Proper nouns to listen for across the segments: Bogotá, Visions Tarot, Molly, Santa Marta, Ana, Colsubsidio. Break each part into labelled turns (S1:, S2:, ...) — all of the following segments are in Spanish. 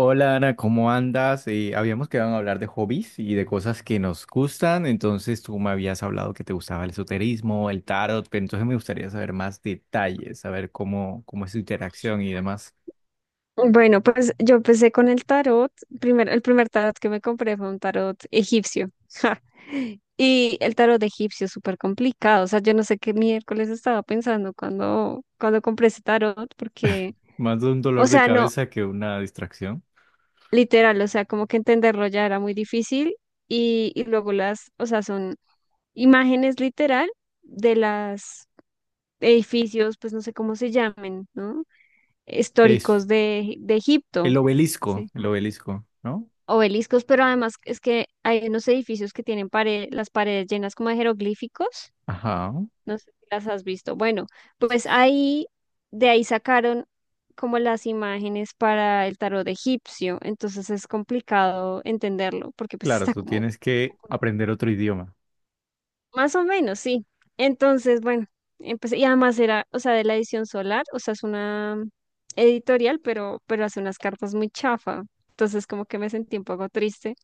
S1: Hola Ana, ¿cómo andas? Habíamos quedado en hablar de hobbies y de cosas que nos gustan, entonces tú me habías hablado que te gustaba el esoterismo, el tarot, pero entonces me gustaría saber más detalles, saber cómo es su interacción y demás.
S2: Bueno, pues yo empecé con el tarot. El primer tarot que me compré fue un tarot egipcio. Ja. Y el tarot egipcio es súper complicado. O sea, yo no sé qué miércoles estaba pensando cuando compré ese tarot, porque,
S1: Más de un
S2: o
S1: dolor de
S2: sea, no,
S1: cabeza que una distracción.
S2: literal, o sea, como que entenderlo ya era muy difícil. Y luego las, o sea, son imágenes literal de las edificios, pues no sé cómo se llamen, ¿no?
S1: Es
S2: Históricos de Egipto. Sí,
S1: el obelisco, ¿no?
S2: obeliscos, pero además es que hay unos edificios que tienen las paredes llenas como de jeroglíficos.
S1: Ajá.
S2: No sé si las has visto. Bueno, pues ahí, de ahí sacaron como las imágenes para el tarot egipcio. Entonces es complicado entenderlo porque pues
S1: Claro,
S2: está
S1: tú
S2: como
S1: tienes que
S2: como-
S1: aprender otro idioma.
S2: más o menos, sí. Entonces, bueno, empecé, y además era, o sea, de la edición solar, o sea, es una editorial, pero hace unas cartas muy chafa. Entonces, como que me sentí un poco triste.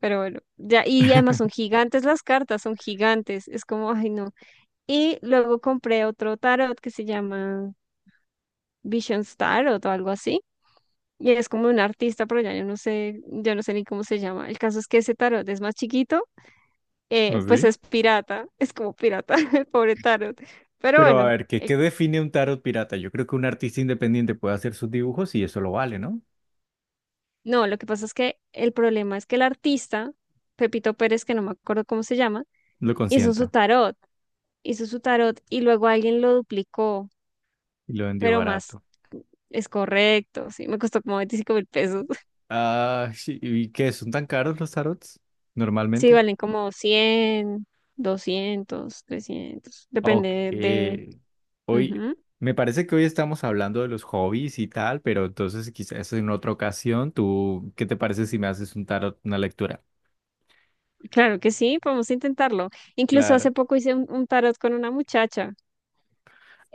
S2: Pero bueno, ya, y además son gigantes las cartas, son gigantes, es como, ay no. Y luego compré otro tarot que se llama Visions Tarot o algo así, y es como un artista, pero ya yo no sé ni cómo se llama. El caso es que ese tarot es más chiquito, pues
S1: ¿Así?
S2: es pirata, es como pirata, el pobre tarot. Pero
S1: Pero a
S2: bueno,
S1: ver, ¿qué define un tarot pirata? Yo creo que un artista independiente puede hacer sus dibujos y eso lo vale, ¿no?
S2: no, lo que pasa es que el problema es que el artista, Pepito Pérez, que no me acuerdo cómo se llama,
S1: Lo
S2: hizo su
S1: consienta.
S2: tarot, hizo su tarot y luego alguien lo duplicó,
S1: Y lo vendió
S2: pero más.
S1: barato.
S2: Es correcto, sí, me costó como 25.000 pesos.
S1: Ah, sí, ¿y qué? ¿Son tan caros los tarots?
S2: Sí,
S1: Normalmente.
S2: valen como 100, 200, 300, depende
S1: Ok.
S2: de...
S1: Hoy,
S2: Ujú.
S1: me parece que hoy estamos hablando de los hobbies y tal, pero entonces quizás en otra ocasión, tú, ¿qué te parece si me haces un tarot, una lectura?
S2: Claro que sí, podemos intentarlo. Incluso
S1: Claro.
S2: hace poco hice un tarot con una muchacha.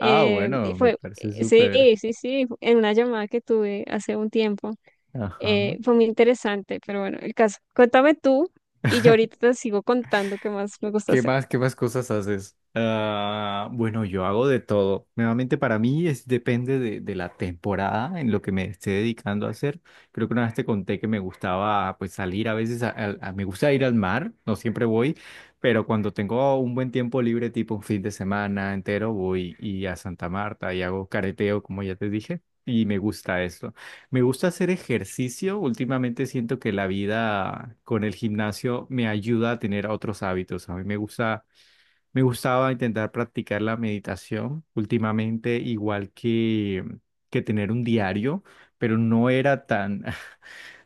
S1: Ah,
S2: Y
S1: bueno, me
S2: fue,
S1: parece
S2: sí,
S1: súper.
S2: sí, sí, en una llamada que tuve hace un tiempo.
S1: Ajá.
S2: Fue muy interesante, pero bueno, el caso. Cuéntame tú y yo ahorita te sigo contando qué más me gusta hacer.
S1: ¿Qué más cosas haces? Ah, bueno, yo hago de todo. Nuevamente para mí es depende de la temporada en lo que me esté dedicando a hacer. Creo que una vez te conté que me gustaba pues salir a veces, me gusta ir al mar, no siempre voy, pero cuando tengo un buen tiempo libre, tipo un fin de semana entero, voy y a Santa Marta y hago careteo, como ya te dije, y me gusta eso. Me gusta hacer ejercicio. Últimamente siento que la vida con el gimnasio me ayuda a tener otros hábitos. A mí me gusta, me gustaba intentar practicar la meditación últimamente, igual que tener un diario, pero no era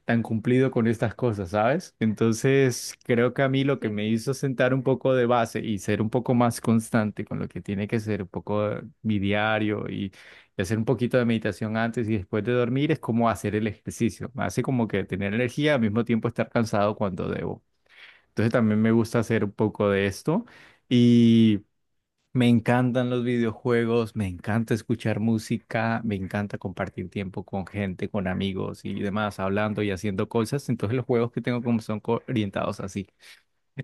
S1: tan cumplido con estas cosas, ¿sabes? Entonces, creo que a mí lo que
S2: Sí.
S1: me hizo sentar un poco de base y ser un poco más constante con lo que tiene que ser un poco mi diario y hacer un poquito de meditación antes y después de dormir es como hacer el ejercicio. Me hace como que tener energía al mismo tiempo estar cansado cuando debo. Entonces, también me gusta hacer un poco de esto y... Me encantan los videojuegos, me encanta escuchar música, me encanta compartir tiempo con gente, con amigos y demás, hablando y haciendo cosas. Entonces los juegos que tengo como son orientados así.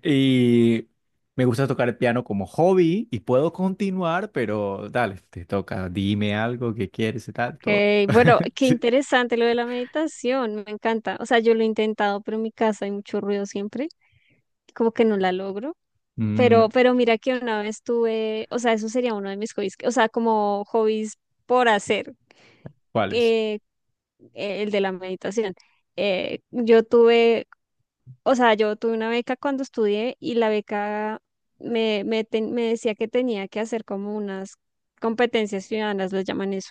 S1: Y me gusta tocar el piano como hobby y puedo continuar, pero dale, te toca, dime algo que quieres y tal,
S2: Ok,
S1: todo.
S2: bueno, qué
S1: Sí.
S2: interesante lo de la meditación, me encanta. O sea, yo lo he intentado, pero en mi casa hay mucho ruido siempre, como que no la logro.
S1: Mm,
S2: Pero mira que una vez tuve, o sea, eso sería uno de mis hobbies, o sea, como hobbies por hacer,
S1: ¿Cuáles?
S2: eh, el de la meditación. Yo tuve, o sea, yo tuve una beca cuando estudié y la beca me decía que tenía que hacer como unas competencias ciudadanas, lo llaman eso.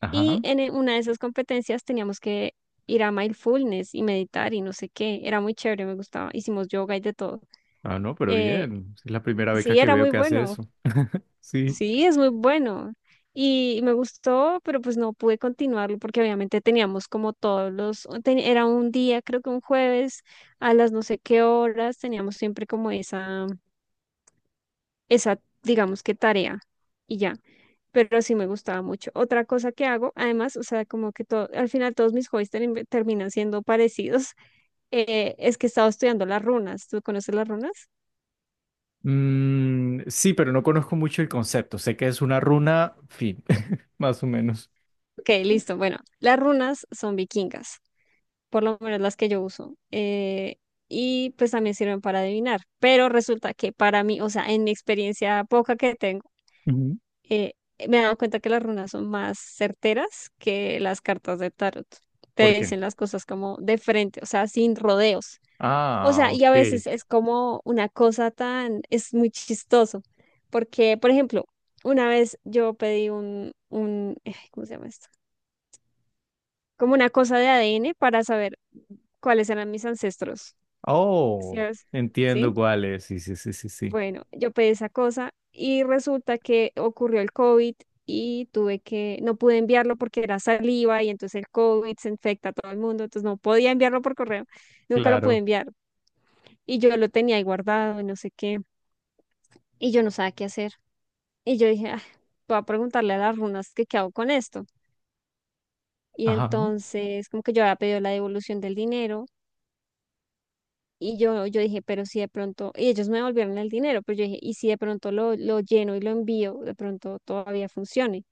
S1: Ajá.
S2: Y en una de esas competencias teníamos que ir a mindfulness y meditar y no sé qué. Era muy chévere, me gustaba. Hicimos yoga y de todo.
S1: Ah, no, pero
S2: Eh,
S1: bien. Es la primera beca
S2: sí,
S1: que
S2: era
S1: veo
S2: muy
S1: que hace
S2: bueno.
S1: eso. Sí.
S2: Sí, es muy bueno. Y me gustó, pero pues no pude continuarlo porque obviamente teníamos como todos los, era un día, creo que un jueves, a las no sé qué horas, teníamos siempre como esa digamos que tarea y ya. Pero sí me gustaba mucho. Otra cosa que hago, además, o sea, como que todo, al final todos mis hobbies terminan siendo parecidos, es que he estado estudiando las runas. ¿Tú conoces las runas?
S1: Sí, pero no conozco mucho el concepto. Sé que es una runa, fin, más o menos.
S2: Ok, listo. Bueno, las runas son vikingas, por lo menos las que yo uso. Y pues también sirven para adivinar. Pero resulta que para mí, o sea, en mi experiencia poca que tengo,
S1: Ujú.
S2: eh, me he dado cuenta que las runas son más certeras que las cartas de tarot.
S1: ¿Por
S2: Te
S1: qué?
S2: dicen las cosas como de frente, o sea, sin rodeos. O
S1: Ah,
S2: sea, y a
S1: ok.
S2: veces es como una cosa tan, es muy chistoso, porque, por ejemplo, una vez yo pedí ¿cómo se llama esto? Como una cosa de ADN para saber cuáles eran mis ancestros. ¿Sí?
S1: Oh,
S2: ¿Sabes? ¿Sí?
S1: entiendo cuál es. Sí, sí, sí, sí, sí.
S2: Bueno, yo pedí esa cosa y resulta que ocurrió el COVID y tuve que, no pude enviarlo porque era saliva y entonces el COVID se infecta a todo el mundo, entonces no podía enviarlo por correo, nunca lo pude
S1: Claro.
S2: enviar y yo lo tenía ahí guardado y no sé qué y yo no sabía qué hacer y yo dije, "Ah, voy a preguntarle a las runas que qué hago con esto". Y
S1: Ajá,
S2: entonces como que yo había pedido la devolución del dinero y yo dije, pero si de pronto, y ellos me devolvieron el dinero, pero yo dije, y si de pronto lo lleno y lo envío, de pronto todavía funcione.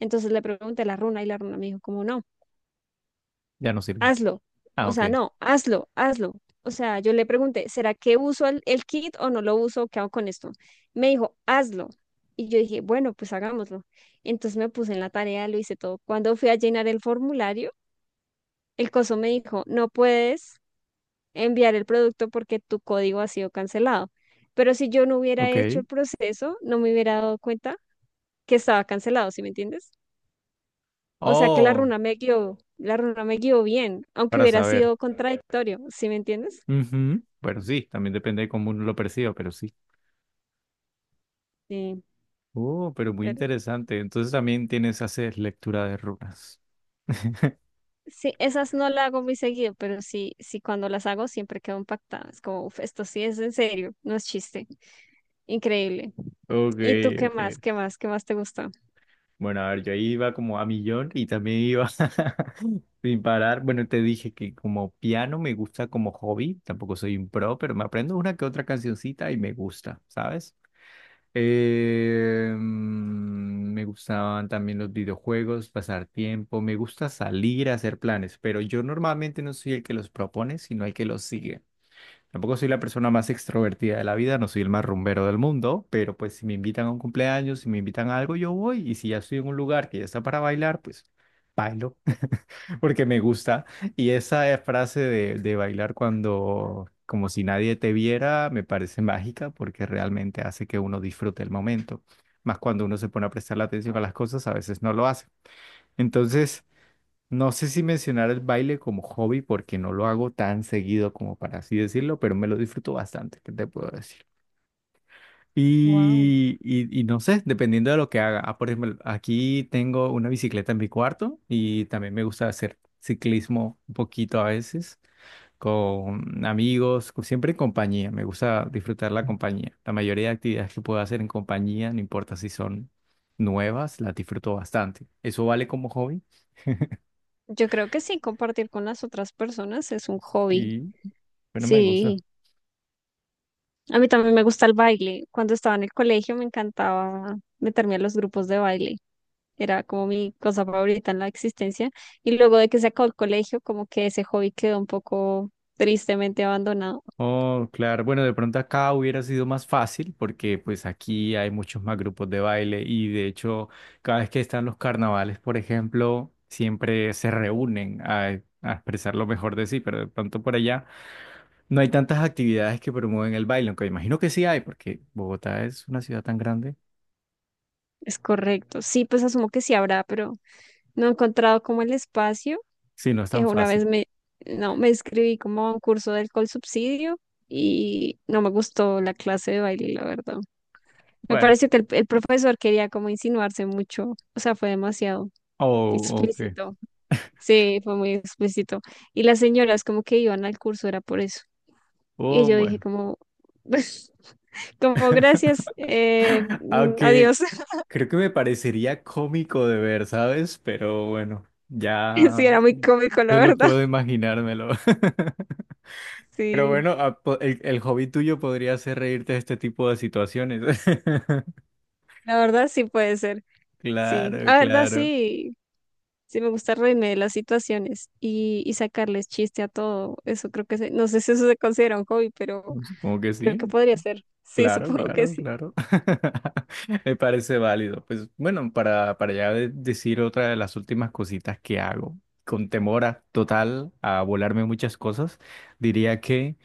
S2: Entonces le pregunté a la runa y la runa me dijo, como no,
S1: ya no sirve.
S2: hazlo.
S1: Ah,
S2: O sea, no, hazlo, hazlo. O sea, yo le pregunté, ¿será que uso el kit o no lo uso? ¿Qué hago con esto? Me dijo, hazlo. Y yo dije, bueno, pues hagámoslo. Entonces me puse en la tarea, lo hice todo. Cuando fui a llenar el formulario, el coso me dijo, no puedes enviar el producto porque tu código ha sido cancelado. Pero si yo no hubiera hecho
S1: ok.
S2: el proceso, no me hubiera dado cuenta que estaba cancelado, ¿sí me entiendes? O sea que la
S1: Oh,
S2: runa me guió, la runa me guió bien, aunque
S1: para
S2: hubiera
S1: saber.
S2: sido contradictorio, ¿sí me entiendes?
S1: Ujú. Bueno, sí, también depende de cómo uno lo perciba, pero sí.
S2: Sí,
S1: Oh, pero muy
S2: pero
S1: interesante. Entonces también tienes, haces lectura de runas.
S2: sí, esas no las hago muy seguido, pero sí, sí cuando las hago siempre quedo impactada. Es como, "Uf, esto sí es en serio, no es chiste". Increíble.
S1: Ok,
S2: ¿Y tú qué
S1: ok.
S2: más? ¿Qué más? ¿Qué más te gusta?
S1: Bueno, a ver, yo ahí iba como a millón y también iba. Sin parar, bueno, te dije que como piano me gusta como hobby, tampoco soy un pro, pero me aprendo una que otra cancioncita y me gusta, ¿sabes? Me gustaban también los videojuegos, pasar tiempo, me gusta salir a hacer planes, pero yo normalmente no soy el que los propone, sino el que los sigue. Tampoco soy la persona más extrovertida de la vida, no soy el más rumbero del mundo, pero pues si me invitan a un cumpleaños, si me invitan a algo, yo voy, y si ya estoy en un lugar que ya está para bailar, pues... Bailo porque me gusta. Y esa frase de bailar cuando, como si nadie te viera, me parece mágica porque realmente hace que uno disfrute el momento. Más cuando uno se pone a prestar la atención a las cosas, a veces no lo hace. Entonces, no sé si mencionar el baile como hobby porque no lo hago tan seguido como para así decirlo, pero me lo disfruto bastante, ¿qué te puedo decir?
S2: Wow.
S1: Y no sé, dependiendo de lo que haga. Ah, por ejemplo, aquí tengo una bicicleta en mi cuarto y también me gusta hacer ciclismo un poquito a veces con amigos, siempre en compañía. Me gusta disfrutar la compañía. La mayoría de actividades que puedo hacer en compañía, no importa si son nuevas, las disfruto bastante. Eso vale como hobby
S2: Yo creo que sí, compartir con las otras personas es un hobby.
S1: y bueno, me gusta.
S2: Sí, a mí también me gusta el baile. Cuando estaba en el colegio me encantaba meterme a los grupos de baile. Era como mi cosa favorita en la existencia. Y luego de que se acabó el colegio, como que ese hobby quedó un poco tristemente abandonado.
S1: Oh, claro. Bueno, de pronto acá hubiera sido más fácil porque pues aquí hay muchos más grupos de baile y de hecho cada vez que están los carnavales, por ejemplo, siempre se reúnen a expresar lo mejor de sí, pero de pronto por allá no hay tantas actividades que promueven el baile, aunque imagino que sí hay porque Bogotá es una ciudad tan grande,
S2: Es correcto. Sí, pues asumo que sí habrá, pero no he encontrado como el espacio.
S1: sí, no es tan
S2: Una vez
S1: fácil.
S2: me, no, me inscribí como a un curso del Colsubsidio y no me gustó la clase de baile, la verdad. Me
S1: Bueno,
S2: parece que el profesor quería como insinuarse mucho, o sea, fue demasiado
S1: oh, ok.
S2: explícito. Sí, fue muy explícito. Y las señoras como que iban al curso, era por eso. Y
S1: Oh,
S2: yo dije
S1: bueno.
S2: como, como gracias, adiós.
S1: Aunque creo que me parecería cómico de ver, ¿sabes? Pero bueno,
S2: Sí,
S1: ya
S2: era muy cómico, la
S1: solo
S2: verdad.
S1: puedo imaginármelo. Pero
S2: Sí,
S1: bueno, el hobby tuyo podría ser reírte de este tipo de situaciones.
S2: la verdad sí puede ser. Sí,
S1: Claro,
S2: la verdad
S1: claro.
S2: sí, sí me gusta reírme de las situaciones y sacarles chiste a todo. Eso creo que, no sé si eso se considera un hobby, pero
S1: Supongo que
S2: creo que
S1: sí.
S2: podría ser. Sí,
S1: Claro,
S2: supongo que
S1: claro,
S2: sí.
S1: claro. Me parece válido. Pues bueno, para ya decir otra de las últimas cositas que hago, con temor total a volarme muchas cosas, diría que...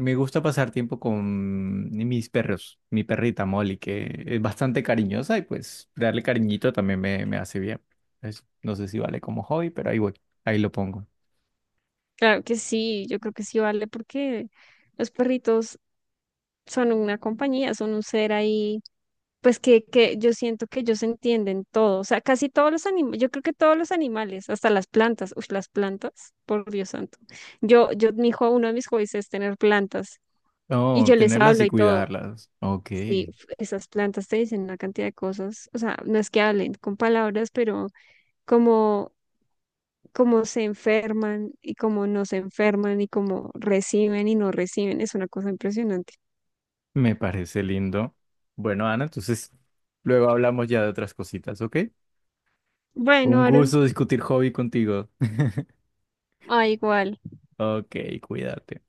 S1: Me gusta pasar tiempo con mis perros, mi perrita Molly, que es bastante cariñosa y pues darle cariñito también me hace bien. No sé si vale como hobby, pero ahí voy, ahí lo pongo.
S2: Claro que sí, yo creo que sí vale porque los perritos son una compañía, son un ser ahí, pues que yo siento que ellos entienden todo, o sea, casi todos los animales, yo creo que todos los animales, hasta las plantas, uy, las plantas, por Dios santo. Mi hijo, uno de mis hobbies es tener plantas y
S1: Oh,
S2: yo les
S1: tenerlas
S2: hablo
S1: y
S2: y todo,
S1: cuidarlas. Ok,
S2: y esas plantas te dicen una cantidad de cosas, o sea, no es que hablen con palabras, pero como cómo se enferman y cómo no se enferman y cómo reciben y no reciben. Es una cosa impresionante.
S1: me parece lindo. Bueno, Ana, entonces luego hablamos ya de otras cositas, ¿ok? Un
S2: Bueno, Aaron,
S1: gusto discutir hobby contigo.
S2: igual.
S1: Ok, cuídate.